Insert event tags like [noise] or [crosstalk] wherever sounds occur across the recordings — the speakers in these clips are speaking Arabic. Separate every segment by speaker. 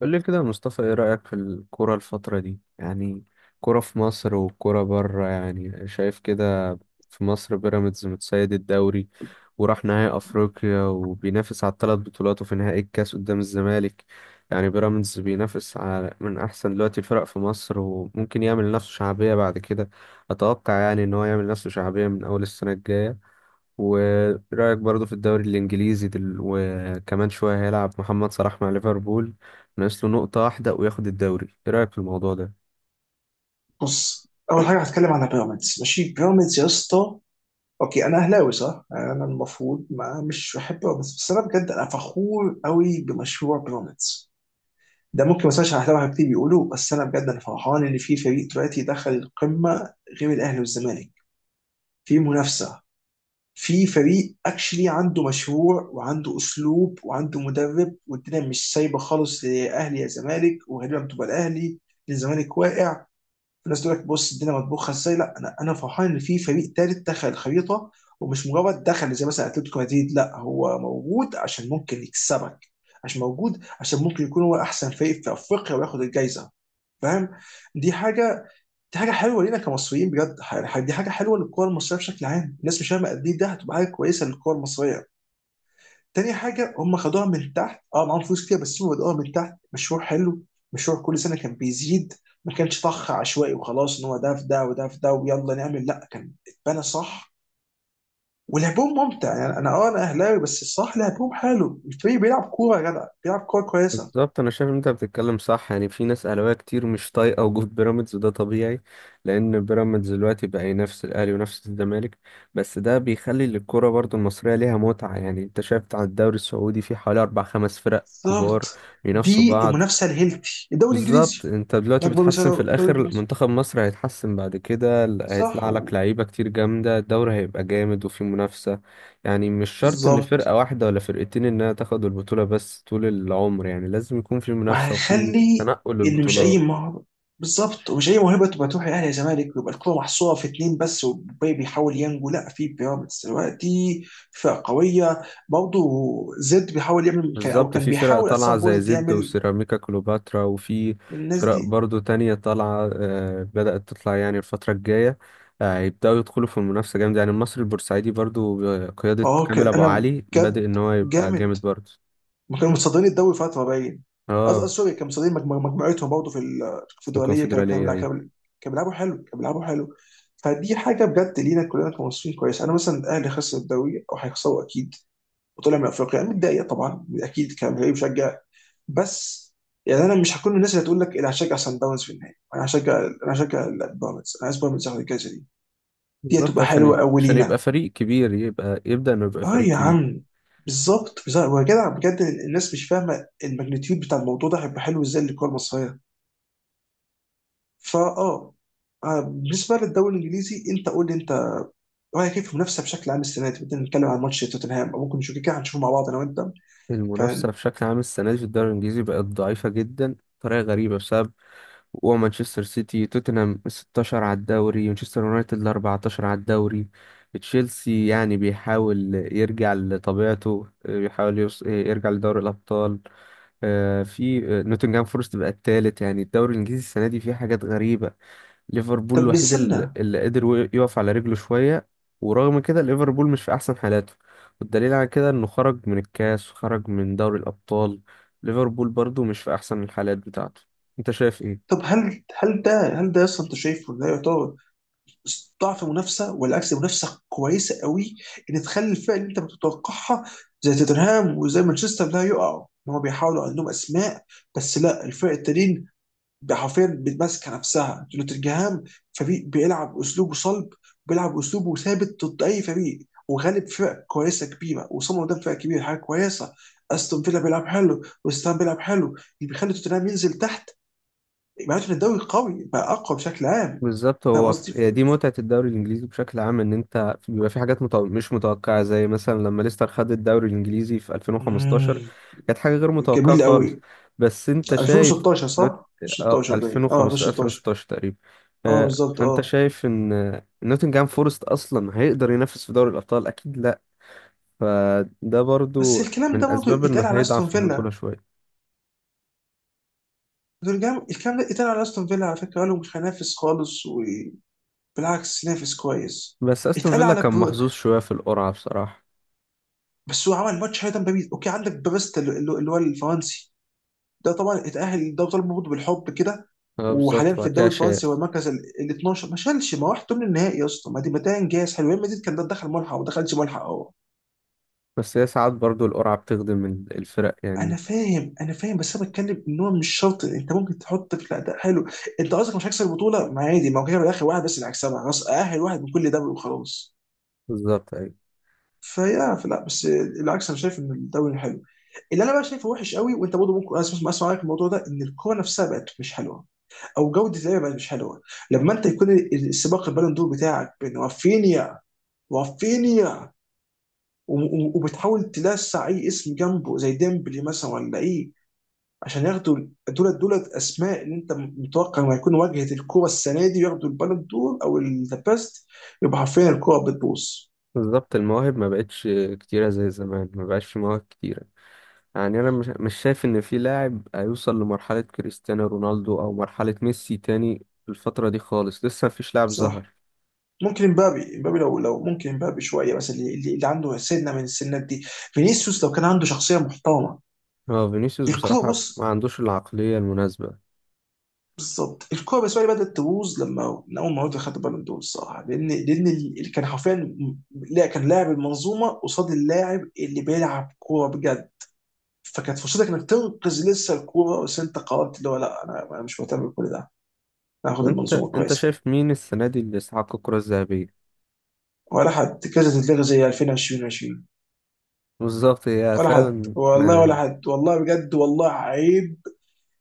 Speaker 1: قول لي كده يا مصطفى، ايه رأيك في الكرة الفترة دي يعني؟ كرة في مصر والكرة بره، يعني شايف كده؟ في مصر بيراميدز متسيد الدوري، وراح نهائي افريقيا، وبينافس على 3 بطولات، وفي نهائي الكاس قدام الزمالك. يعني بيراميدز بينافس على من احسن دلوقتي الفرق في مصر، وممكن يعمل نفسه شعبية بعد كده. اتوقع يعني ان هو يعمل نفسه شعبية من اول السنة الجاية. ورأيك برضو في الدوري الإنجليزي وكمان شوية هيلعب محمد صلاح مع ليفربول. ناقص له نقطة واحدة وياخد الدوري. إيه رأيك في الموضوع ده؟
Speaker 2: بص، اول حاجه هتكلم عن بيراميدز. ماشي، بيراميدز يا اسطى. اوكي، انا اهلاوي صح، انا المفروض ما مش بحب بيراميدز، بس انا بجد انا فخور قوي بمشروع بيراميدز. ده ممكن ما اسمعش اهلاوي كتير بيقولوا، بس انا بجد انا فرحان ان في فريق دلوقتي دخل القمه غير الاهلي والزمالك. في منافسه، في فريق اكشلي عنده مشروع وعنده اسلوب وعنده مدرب، والدنيا مش سايبه خالص لاهلي يا زمالك، وغالبا بتبقى الاهلي. الزمالك واقع. في ناس تقول لك بص الدنيا مطبوخه ازاي. لا، انا فرحان ان في فريق ثالث دخل الخريطه، ومش مجرد دخل زي مثلا اتلتيكو مدريد. لا، هو موجود عشان ممكن يكسبك، عشان موجود عشان ممكن يكون هو احسن فريق في افريقيا وياخد الجائزه. فاهم؟ دي حاجه، دي حاجه حلوه لينا كمصريين بجد. دي حاجه حلوه للكره المصريه بشكل عام. الناس مش فاهمه قد ايه ده هتبقى حاجه كويسه للكره المصريه. تاني حاجة، هم خدوها من تحت. اه، معاهم فلوس كتير بس هم بدأوها من تحت، مشروع حلو. مشروع كل سنة كان بيزيد، ما كانش طخ عشوائي وخلاص ان هو ده في ده وده في ده ويلا نعمل. لا، كان اتبنى صح. ولعبهم ممتع. يعني انا انا اهلاوي، بس الصح لعبهم حلو. الفريق بيلعب كورة يا جدع، بيلعب كورة كويسة.
Speaker 1: بالظبط، أنا شايف إن أنت بتتكلم صح. يعني في ناس أهلاوية كتير مش طايقة وجود [laughs] بيراميدز، وده طبيعي. لأن بيراميدز دلوقتي بقى ينافس الأهلي وينافس الزمالك. بس ده بيخلي للكرة برضو المصرية ليها متعة. يعني أنت شايف على الدوري السعودي، في حوالي أربع خمس فرق كبار
Speaker 2: بالظبط.
Speaker 1: بينافسوا
Speaker 2: دي
Speaker 1: بعض.
Speaker 2: المنافسة الهيلثي، الدوري الانجليزي.
Speaker 1: بالظبط، انت دلوقتي
Speaker 2: اكبر مثال
Speaker 1: بتحسن في
Speaker 2: هو الدوري
Speaker 1: الاخر.
Speaker 2: الانجليزي.
Speaker 1: منتخب مصر هيتحسن بعد كده،
Speaker 2: صح
Speaker 1: هيطلع لك
Speaker 2: و-
Speaker 1: لعيبه كتير جامده، الدوري هيبقى جامد وفي منافسه. يعني مش شرط ان
Speaker 2: بالظبط.
Speaker 1: فرقه واحده ولا فرقتين انها تاخد البطوله بس طول العمر، يعني لازم يكون في منافسه وفي
Speaker 2: وهنخلي
Speaker 1: تنقل
Speaker 2: ان مش اي
Speaker 1: للبطولات.
Speaker 2: مهر، بالظبط، ومش اي موهبه تبقى تروح الاهلي يا زمالك ويبقى الكوره محصوره في اتنين بس والباقي بيحاول ينجو. لا، في بيراميدز دلوقتي، فرقه قويه برضه. زد بيحاول يعمل او
Speaker 1: بالظبط،
Speaker 2: كان
Speaker 1: في فرق
Speaker 2: بيحاول ات
Speaker 1: طالعة
Speaker 2: سام
Speaker 1: زي
Speaker 2: بوينت
Speaker 1: زد
Speaker 2: يعمل.
Speaker 1: وسيراميكا كليوباترا، وفي
Speaker 2: الناس
Speaker 1: فرق
Speaker 2: دي
Speaker 1: برضو تانية طالعة بدأت تطلع يعني الفترة الجاية. هيبدأوا يدخلوا في المنافسة جامد. يعني المصري البورسعيدي برضو بقيادة كامل أبو
Speaker 2: انا
Speaker 1: علي بادئ
Speaker 2: بجد
Speaker 1: إن هو يبقى
Speaker 2: جامد.
Speaker 1: جامد برضو.
Speaker 2: ما كانوا متصدرين الدوري فتره باين.
Speaker 1: اه،
Speaker 2: سوري، كانوا متصدرين مجموعتهم برضه في في
Speaker 1: في
Speaker 2: الدوليه. كانوا كانوا
Speaker 1: الكونفدرالية،
Speaker 2: لا،
Speaker 1: أيوة.
Speaker 2: كانوا كانوا بيلعبوا حلو، كانوا بيلعبوا حلو. فدي حاجه بجد لينا كلنا كمصريين كويس. انا مثلا الاهلي خسر الدوري او هيخسروا اكيد، وطلع من افريقيا. انا متضايق طبعا اكيد كمشجع، مشجع. بس يعني انا مش هكون من الناس اللي هتقول لك انا هشجع سان داونز في النهائي. انا هشجع، انا هشجع بيراميدز. انا عايز بيراميدز ياخد الجائزه دي. دي
Speaker 1: بالظبط،
Speaker 2: هتبقى
Speaker 1: عشان
Speaker 2: حلوه قوي
Speaker 1: عشان يبقى
Speaker 2: لينا.
Speaker 1: فريق كبير، يبقى يبدأ إنه يبقى
Speaker 2: اه
Speaker 1: فريق
Speaker 2: يا
Speaker 1: كبير.
Speaker 2: عم، بالظبط بالظبط، ويا جدع بجد الناس مش فاهمه الماجنتيود بتاع الموضوع ده، هيبقى حلو ازاي للكره المصريه. فا اه آه، بالنسبه للدوري الانجليزي، انت قول لي انت رايك كيف في المنافسه بشكل عام السنه دي. بدنا نتكلم عن ماتش توتنهام، او ممكن نشوف كده هنشوفه مع بعض انا وانت. ف
Speaker 1: المنافسة بشكل عام السنة دي في الدوري الإنجليزي بقت ضعيفة جدا بطريقة غريبة. بسبب ومانشستر سيتي توتنهام 16 على الدوري، مانشستر يونايتد 14 على الدوري، تشيلسي يعني بيحاول يرجع لطبيعته، بيحاول يرجع لدوري الأبطال. آه، في آه، نوتنغهام فورست بقى الثالث. يعني الدوري الإنجليزي السنة دي فيه حاجات غريبة. ليفربول
Speaker 2: طب
Speaker 1: الوحيد
Speaker 2: استنى،
Speaker 1: اللي قدر يقف على رجله شوية. ورغم كده ليفربول مش في أحسن حالاته، والدليل على كده إنه خرج من الكاس وخرج من دوري الأبطال. ليفربول برضو مش في أحسن الحالات بتاعته. أنت شايف إيه؟
Speaker 2: طب هل ده، هل ده اصلا انت شايفه ده يعتبر ضعف منافسه والعكس منافسه كويسه قوي؟ ان تخلي الفرق اللي انت بتتوقعها زي توتنهام وزي مانشستر لا يقعوا، ان هم بيحاولوا عندهم اسماء، بس لا الفرق التانيين حرفيا بتماسكه نفسها. نوتنجهام فريق بيلعب اسلوبه صلب، بيلعب اسلوبه ثابت ضد اي فريق، وغالب فرق كويسه كبيره، وصمم قدام فرق كبيره حاجه كويسه. استون فيلا بيلعب حلو، وستام بيلعب حلو، اللي بيخلي توتنهام ينزل تحت. معناته ان الدوري قوي، بقى اقوى بشكل عام.
Speaker 1: بالظبط،
Speaker 2: فاهم
Speaker 1: هو
Speaker 2: قصدي؟
Speaker 1: هي دي متعة الدوري الإنجليزي بشكل عام. إن أنت بيبقى في حاجات مش متوقعة، زي مثلا لما ليستر خد الدوري الإنجليزي في 2015.
Speaker 2: ف...
Speaker 1: كانت حاجة غير متوقعة
Speaker 2: جميل
Speaker 1: خالص.
Speaker 2: قوي.
Speaker 1: بس أنت شايف
Speaker 2: 2016
Speaker 1: نوت...
Speaker 2: صح، 2016 باين
Speaker 1: 2015
Speaker 2: 2016.
Speaker 1: 2016 تقريبا.
Speaker 2: اه، بالظبط
Speaker 1: فأنت
Speaker 2: اه.
Speaker 1: شايف إن نوتنجهام فورست أصلا هيقدر ينافس في دوري الأبطال؟ أكيد لأ. فده
Speaker 2: بس
Speaker 1: برضو
Speaker 2: الكلام ده
Speaker 1: من
Speaker 2: برضه
Speaker 1: أسباب إنه
Speaker 2: اتقال على
Speaker 1: هيضعف
Speaker 2: استون
Speaker 1: في البطولة
Speaker 2: فيلا،
Speaker 1: شوية.
Speaker 2: نوتنجهام. الكلام ده اتقال على استون فيلا على فكره، قالوا مش هينافس خالص وبالعكس نافس كويس.
Speaker 1: بس أستون
Speaker 2: اتقال
Speaker 1: فيلا
Speaker 2: على
Speaker 1: كان
Speaker 2: برو...
Speaker 1: محظوظ شوية في القرعة بصراحة.
Speaker 2: بس هو عمل ماتش هيدا باريس. اوكي، عندك باريس اللي هو الفرنسي ده طبعا اتأهل. ده طالب برضه بالحب كده،
Speaker 1: اه، بالظبط،
Speaker 2: وحاليا في
Speaker 1: وبعد كده
Speaker 2: الدوري
Speaker 1: شال.
Speaker 2: الفرنسي هو المركز ال 12. ما شالش، ما راح من النهائي يا اسطى. ما دي ما ده انجاز حلو. ريال مدريد كان ده دخل ملحق، وما دخلش ملحق هو.
Speaker 1: بس هي ساعات برضو القرعة بتخدم الفرق يعني.
Speaker 2: انا فاهم، بس انا بتكلم ان هو مش شرط، انت ممكن تحط في. لا، ده حلو. انت قصدك مش هيكسب البطوله، ما عادي. ما هو كده في الاخر واحد بس اللي هيكسبها. خلاص، اهل واحد من كل ده وخلاص.
Speaker 1: بالظبط، أيوة.
Speaker 2: فيا فلا، بس العكس، انا شايف ان الدوري حلو. اللي انا بقى شايفه وحش قوي، وانت برضه ممكن اسمع رايك في الموضوع ده، ان الكوره نفسها بقت مش حلوه، او جوده اللعبه بقت مش حلوه. لما انت يكون السباق البالون دور بتاعك بين رافينيا، وبتحاول تلسع اي اسم جنبه زي ديمبلي مثلا ولا ايه عشان ياخدوا، دول اسماء اللي انت متوقع انه هيكون واجهه الكوره السنه دي، وياخدوا البالون دور او ذا بيست، يبقى حرفيا الكوره بتبوظ.
Speaker 1: بالظبط، المواهب ما بقتش كتيرة زي زمان، ما بقاش في مواهب كتيرة. يعني أنا مش شايف إن في لاعب هيوصل لمرحلة كريستيانو رونالدو أو مرحلة ميسي تاني. الفترة دي خالص لسه مفيش لاعب
Speaker 2: صح.
Speaker 1: ظهر.
Speaker 2: ممكن امبابي، امبابي لو لو ممكن امبابي شويه، بس اللي، اللي عنده سنه من السنات دي. فينيسيوس لو كان عنده شخصيه محترمه.
Speaker 1: هو فينيسيوس
Speaker 2: الكوره
Speaker 1: بصراحة ما
Speaker 2: بص.
Speaker 1: عندوش العقلية المناسبة.
Speaker 2: بالظبط، الكوره بالنسبه لي بدات تبوظ لما من اول ما رودري خد البالون دور الصراحه، لان اللي كان حرفيا لا، كان لاعب المنظومه قصاد اللاعب اللي بيلعب كوره بجد. فكانت فرصتك انك تنقذ لسه الكوره، بس انت قررت اللي هو لا، انا مش مهتم بكل ده، انا هاخد
Speaker 1: وأنت
Speaker 2: المنظومه
Speaker 1: أنت
Speaker 2: كويسه.
Speaker 1: شايف مين السنة دي اللي استحق الكرة الذهبية؟
Speaker 2: ولا حد، كذا تتلغى زي 2020، 20.
Speaker 1: بالظبط، هي
Speaker 2: ولا حد
Speaker 1: فعلا
Speaker 2: والله، ولا
Speaker 1: ما.
Speaker 2: حد والله بجد. والله عيب،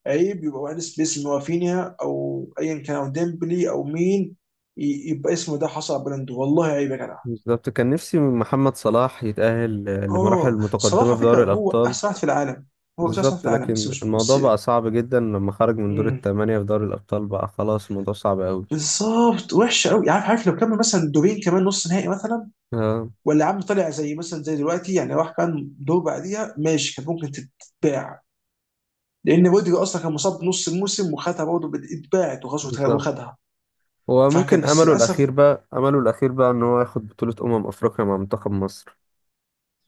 Speaker 2: عيب يبقى واحد اسم هو فينيا او ايا كان او ديمبلي او مين يبقى اسمه ده حصل على بلنده. والله عيب يا جدع.
Speaker 1: بالظبط، كان نفسي محمد صلاح يتأهل لمراحل
Speaker 2: اه
Speaker 1: متقدمة
Speaker 2: صراحه
Speaker 1: في
Speaker 2: فكره،
Speaker 1: دوري
Speaker 2: هو
Speaker 1: الأبطال.
Speaker 2: احسن واحد في العالم. هو مش احسن واحد
Speaker 1: بالظبط،
Speaker 2: في العالم بس،
Speaker 1: لكن
Speaker 2: مش
Speaker 1: الموضوع
Speaker 2: بس.
Speaker 1: بقى صعب جدا. لما خرج من دور
Speaker 2: مم.
Speaker 1: الثمانية في دوري الأبطال بقى خلاص الموضوع صعب أوي.
Speaker 2: بالظبط، وحشه قوي. عارف، عارف لو كمل مثلا دورين كمان نص نهائي مثلا،
Speaker 1: اه،
Speaker 2: ولا يا عم طلع زي مثلا زي دلوقتي يعني راح كان دور بعديها، ماشي، كان ممكن تتباع. لان رودري اصلا كان مصاب نص الموسم وخدها برضه، اتباعت وخلاص،
Speaker 1: بالظبط،
Speaker 2: وخدها.
Speaker 1: هو
Speaker 2: فكان
Speaker 1: ممكن
Speaker 2: بس
Speaker 1: أمله
Speaker 2: للاسف.
Speaker 1: الأخير بقى أمله الأخير بقى إن هو ياخد بطولة أمم أفريقيا مع منتخب مصر.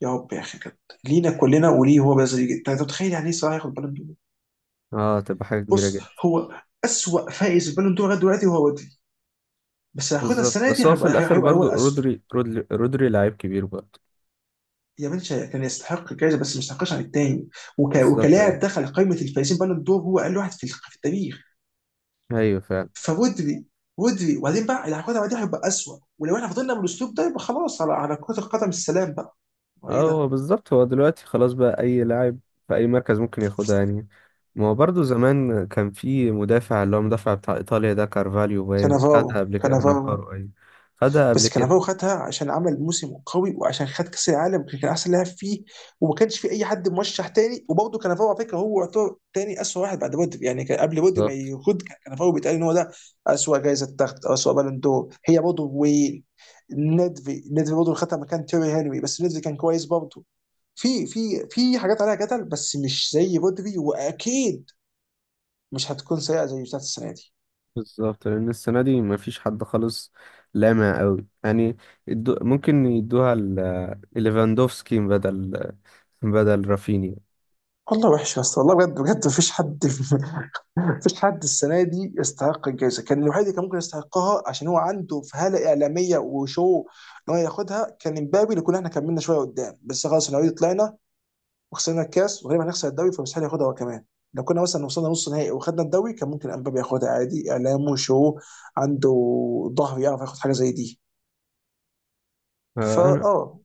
Speaker 2: يا رب يا اخي، كانت لينا كلنا. وليه هو بس يجي؟ انت متخيل يعني ايه صلاح ياخد بالون دور؟
Speaker 1: اه، تبقى حاجة كبيرة
Speaker 2: بص
Speaker 1: جدا.
Speaker 2: هو، اسوء فائز بالون دور لغايه دلوقتي هو رودري، بس هياخدها
Speaker 1: بالظبط،
Speaker 2: السنه
Speaker 1: بس
Speaker 2: دي،
Speaker 1: هو في الآخر
Speaker 2: هيبقى هو
Speaker 1: برضو
Speaker 2: الاسوء.
Speaker 1: رودري. رودري لعيب كبير برضو.
Speaker 2: يا بنشا كان يستحق الجائزه بس ما يستحقش عن التاني،
Speaker 1: بالظبط،
Speaker 2: وكلاعب
Speaker 1: أيوه.
Speaker 2: دخل قائمه الفائزين بالون دور هو اقل واحد في في التاريخ.
Speaker 1: أيوه، فعلا.
Speaker 2: فودري ودري وبعدين بقى اللي هياخدها بعدين هيبقى اسوء. ولو احنا فضلنا بالاسلوب ده يبقى خلاص، على على كره القدم السلام بقى. هو
Speaker 1: اه،
Speaker 2: ايه
Speaker 1: هو
Speaker 2: ده؟
Speaker 1: بالظبط، هو دلوقتي خلاص بقى اي لاعب في اي مركز ممكن ياخدها يعني. ما هو برضه زمان كان في مدافع، اللي هو مدافع بتاع ايطاليا ده، كارفاليو باين خدها
Speaker 2: كانافارو،
Speaker 1: قبل كده.
Speaker 2: كانافارو.
Speaker 1: كانافارو، اي. خدها قبل
Speaker 2: بس
Speaker 1: كده.
Speaker 2: كانافارو خدها عشان عمل موسم قوي وعشان خد كاس العالم، وكان احسن لاعب فيه، وما كانش في اي حد مرشح تاني. وبرضه كانافارو على فكره هو يعتبر تاني اسوء واحد بعد بودي، يعني كان قبل بودي ما
Speaker 1: بالظبط.
Speaker 2: ياخد، كان كانافارو بيتقال ان هو ده اسوء جايزه تاخد او اسوء بالون دور. هي برضه وين، ندفي، ندفي برضه خدها مكان تيري هنري، بس ندفي كان كويس برضه. في في في حاجات عليها جدل، بس مش زي بودري. واكيد مش هتكون سيئه زي بتاعت السنه دي.
Speaker 1: بالظبط، لان السنه دي ما فيش حد خالص لامع قوي يعني. يدو، ممكن يدوها ليفاندوفسكي بدل رافينيا.
Speaker 2: والله وحش يا اسطى، والله بجد بجد، مفيش حد [laughs] مفيش حد السنه دي يستحق الجائزه. كان الوحيد اللي كان ممكن يستحقها عشان هو عنده فهاله اعلاميه وشو ان هو ياخدها كان امبابي، اللي كنا احنا كملنا شويه قدام، بس خلاص احنا اوريدي طلعنا وخسرنا الكاس وغالبا هنخسر الدوري، فمستحيل ياخدها هو كمان. لو كنا مثلا وصلنا نص نهائي وخدنا الدوري كان ممكن امبابي ياخدها عادي. اعلامه شو عنده، ظهر، يعرف ياخد حاجه زي دي.
Speaker 1: انا
Speaker 2: فاه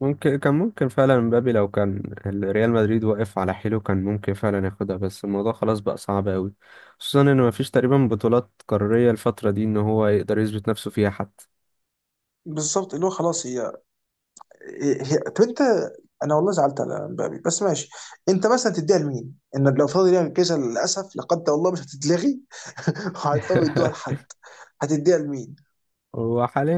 Speaker 1: ممكن، كان ممكن فعلا مبابي لو كان ريال مدريد واقف على حيله كان ممكن فعلا ياخدها، بس الموضوع خلاص بقى صعب قوي. خصوصا ان مفيش تقريبا بطولات قارية الفترة دي ان هو يقدر يثبت نفسه فيها حتى.
Speaker 2: بالظبط اللي هو خلاص هي، طب انت، انا والله زعلت على مبابي بس ماشي. انت مثلا تديها لمين؟ ان لو فضل يعمل كذا للاسف لا قدر الله مش هتتلغي، [laughs] وهيضطروا يدوها
Speaker 1: [laughs]
Speaker 2: لحد. هتديها لمين؟
Speaker 1: هو حاليا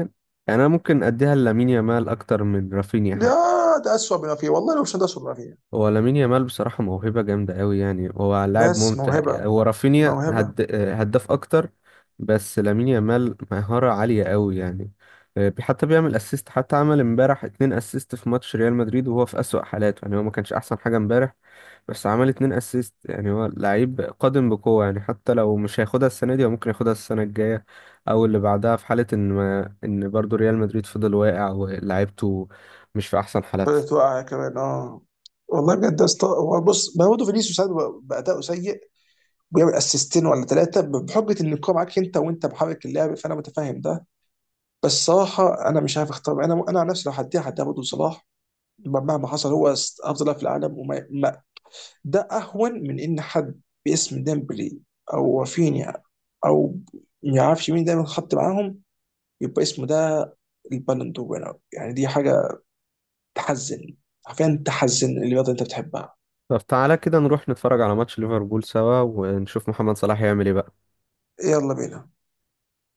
Speaker 1: يعني انا ممكن اديها لامين يامال اكتر من رافينيا.
Speaker 2: يا ده اسوء بما فيه والله، لو مش ده اسوء بما فيه.
Speaker 1: هو لامين يامال بصراحة موهبة جامدة قوي، يعني هو لاعب
Speaker 2: بس
Speaker 1: ممتع
Speaker 2: موهبه،
Speaker 1: يعني. هو رافينيا
Speaker 2: موهبه.
Speaker 1: هداف أكتر. بس لامين يامال مهارة عالية قوي يعني. حتى بيعمل اسيست، حتى عمل امبارح 2 اسيست في ماتش ريال مدريد، وهو في أسوأ حالاته يعني. هو ما كانش أحسن حاجة امبارح. بس عمل 2 اسيست يعني، هو لعيب قادم بقوة يعني. حتى لو مش هياخدها السنة دي هو ممكن ياخدها السنة الجاية. أو اللي بعدها، في حالة إن ما... إن برضه ريال مدريد فضل واقع ولاعيبته مش في أحسن حالاتها.
Speaker 2: فضلت واقعه كمان اه. والله بجد يا اسطى. هو بص، ما هو برضه فينيسيوس ساعات بيبقى باداؤه سيء ويعمل اسيستين ولا 3 بحجه ان الكوره معاك انت وانت محرك اللعب، فانا متفاهم ده. بس صراحه انا مش عارف اختار. انا انا عن نفسي لو هديها هديها برضه لصلاح، مهما حصل. هو افضل لاعب في العالم وما ما. ده اهون من ان حد باسم ديمبلي او رافينيا او ما يعرفش مين دايما خط معاهم يبقى اسمه ده البالون دور winner. يعني دي حاجه تحزن، حرفيا تحزن اللي رياضه انت بتحبها.
Speaker 1: طب تعالى كده نروح نتفرج على ماتش ليفربول سوا، ونشوف محمد صلاح يعمل ايه بقى.
Speaker 2: يلا بينا.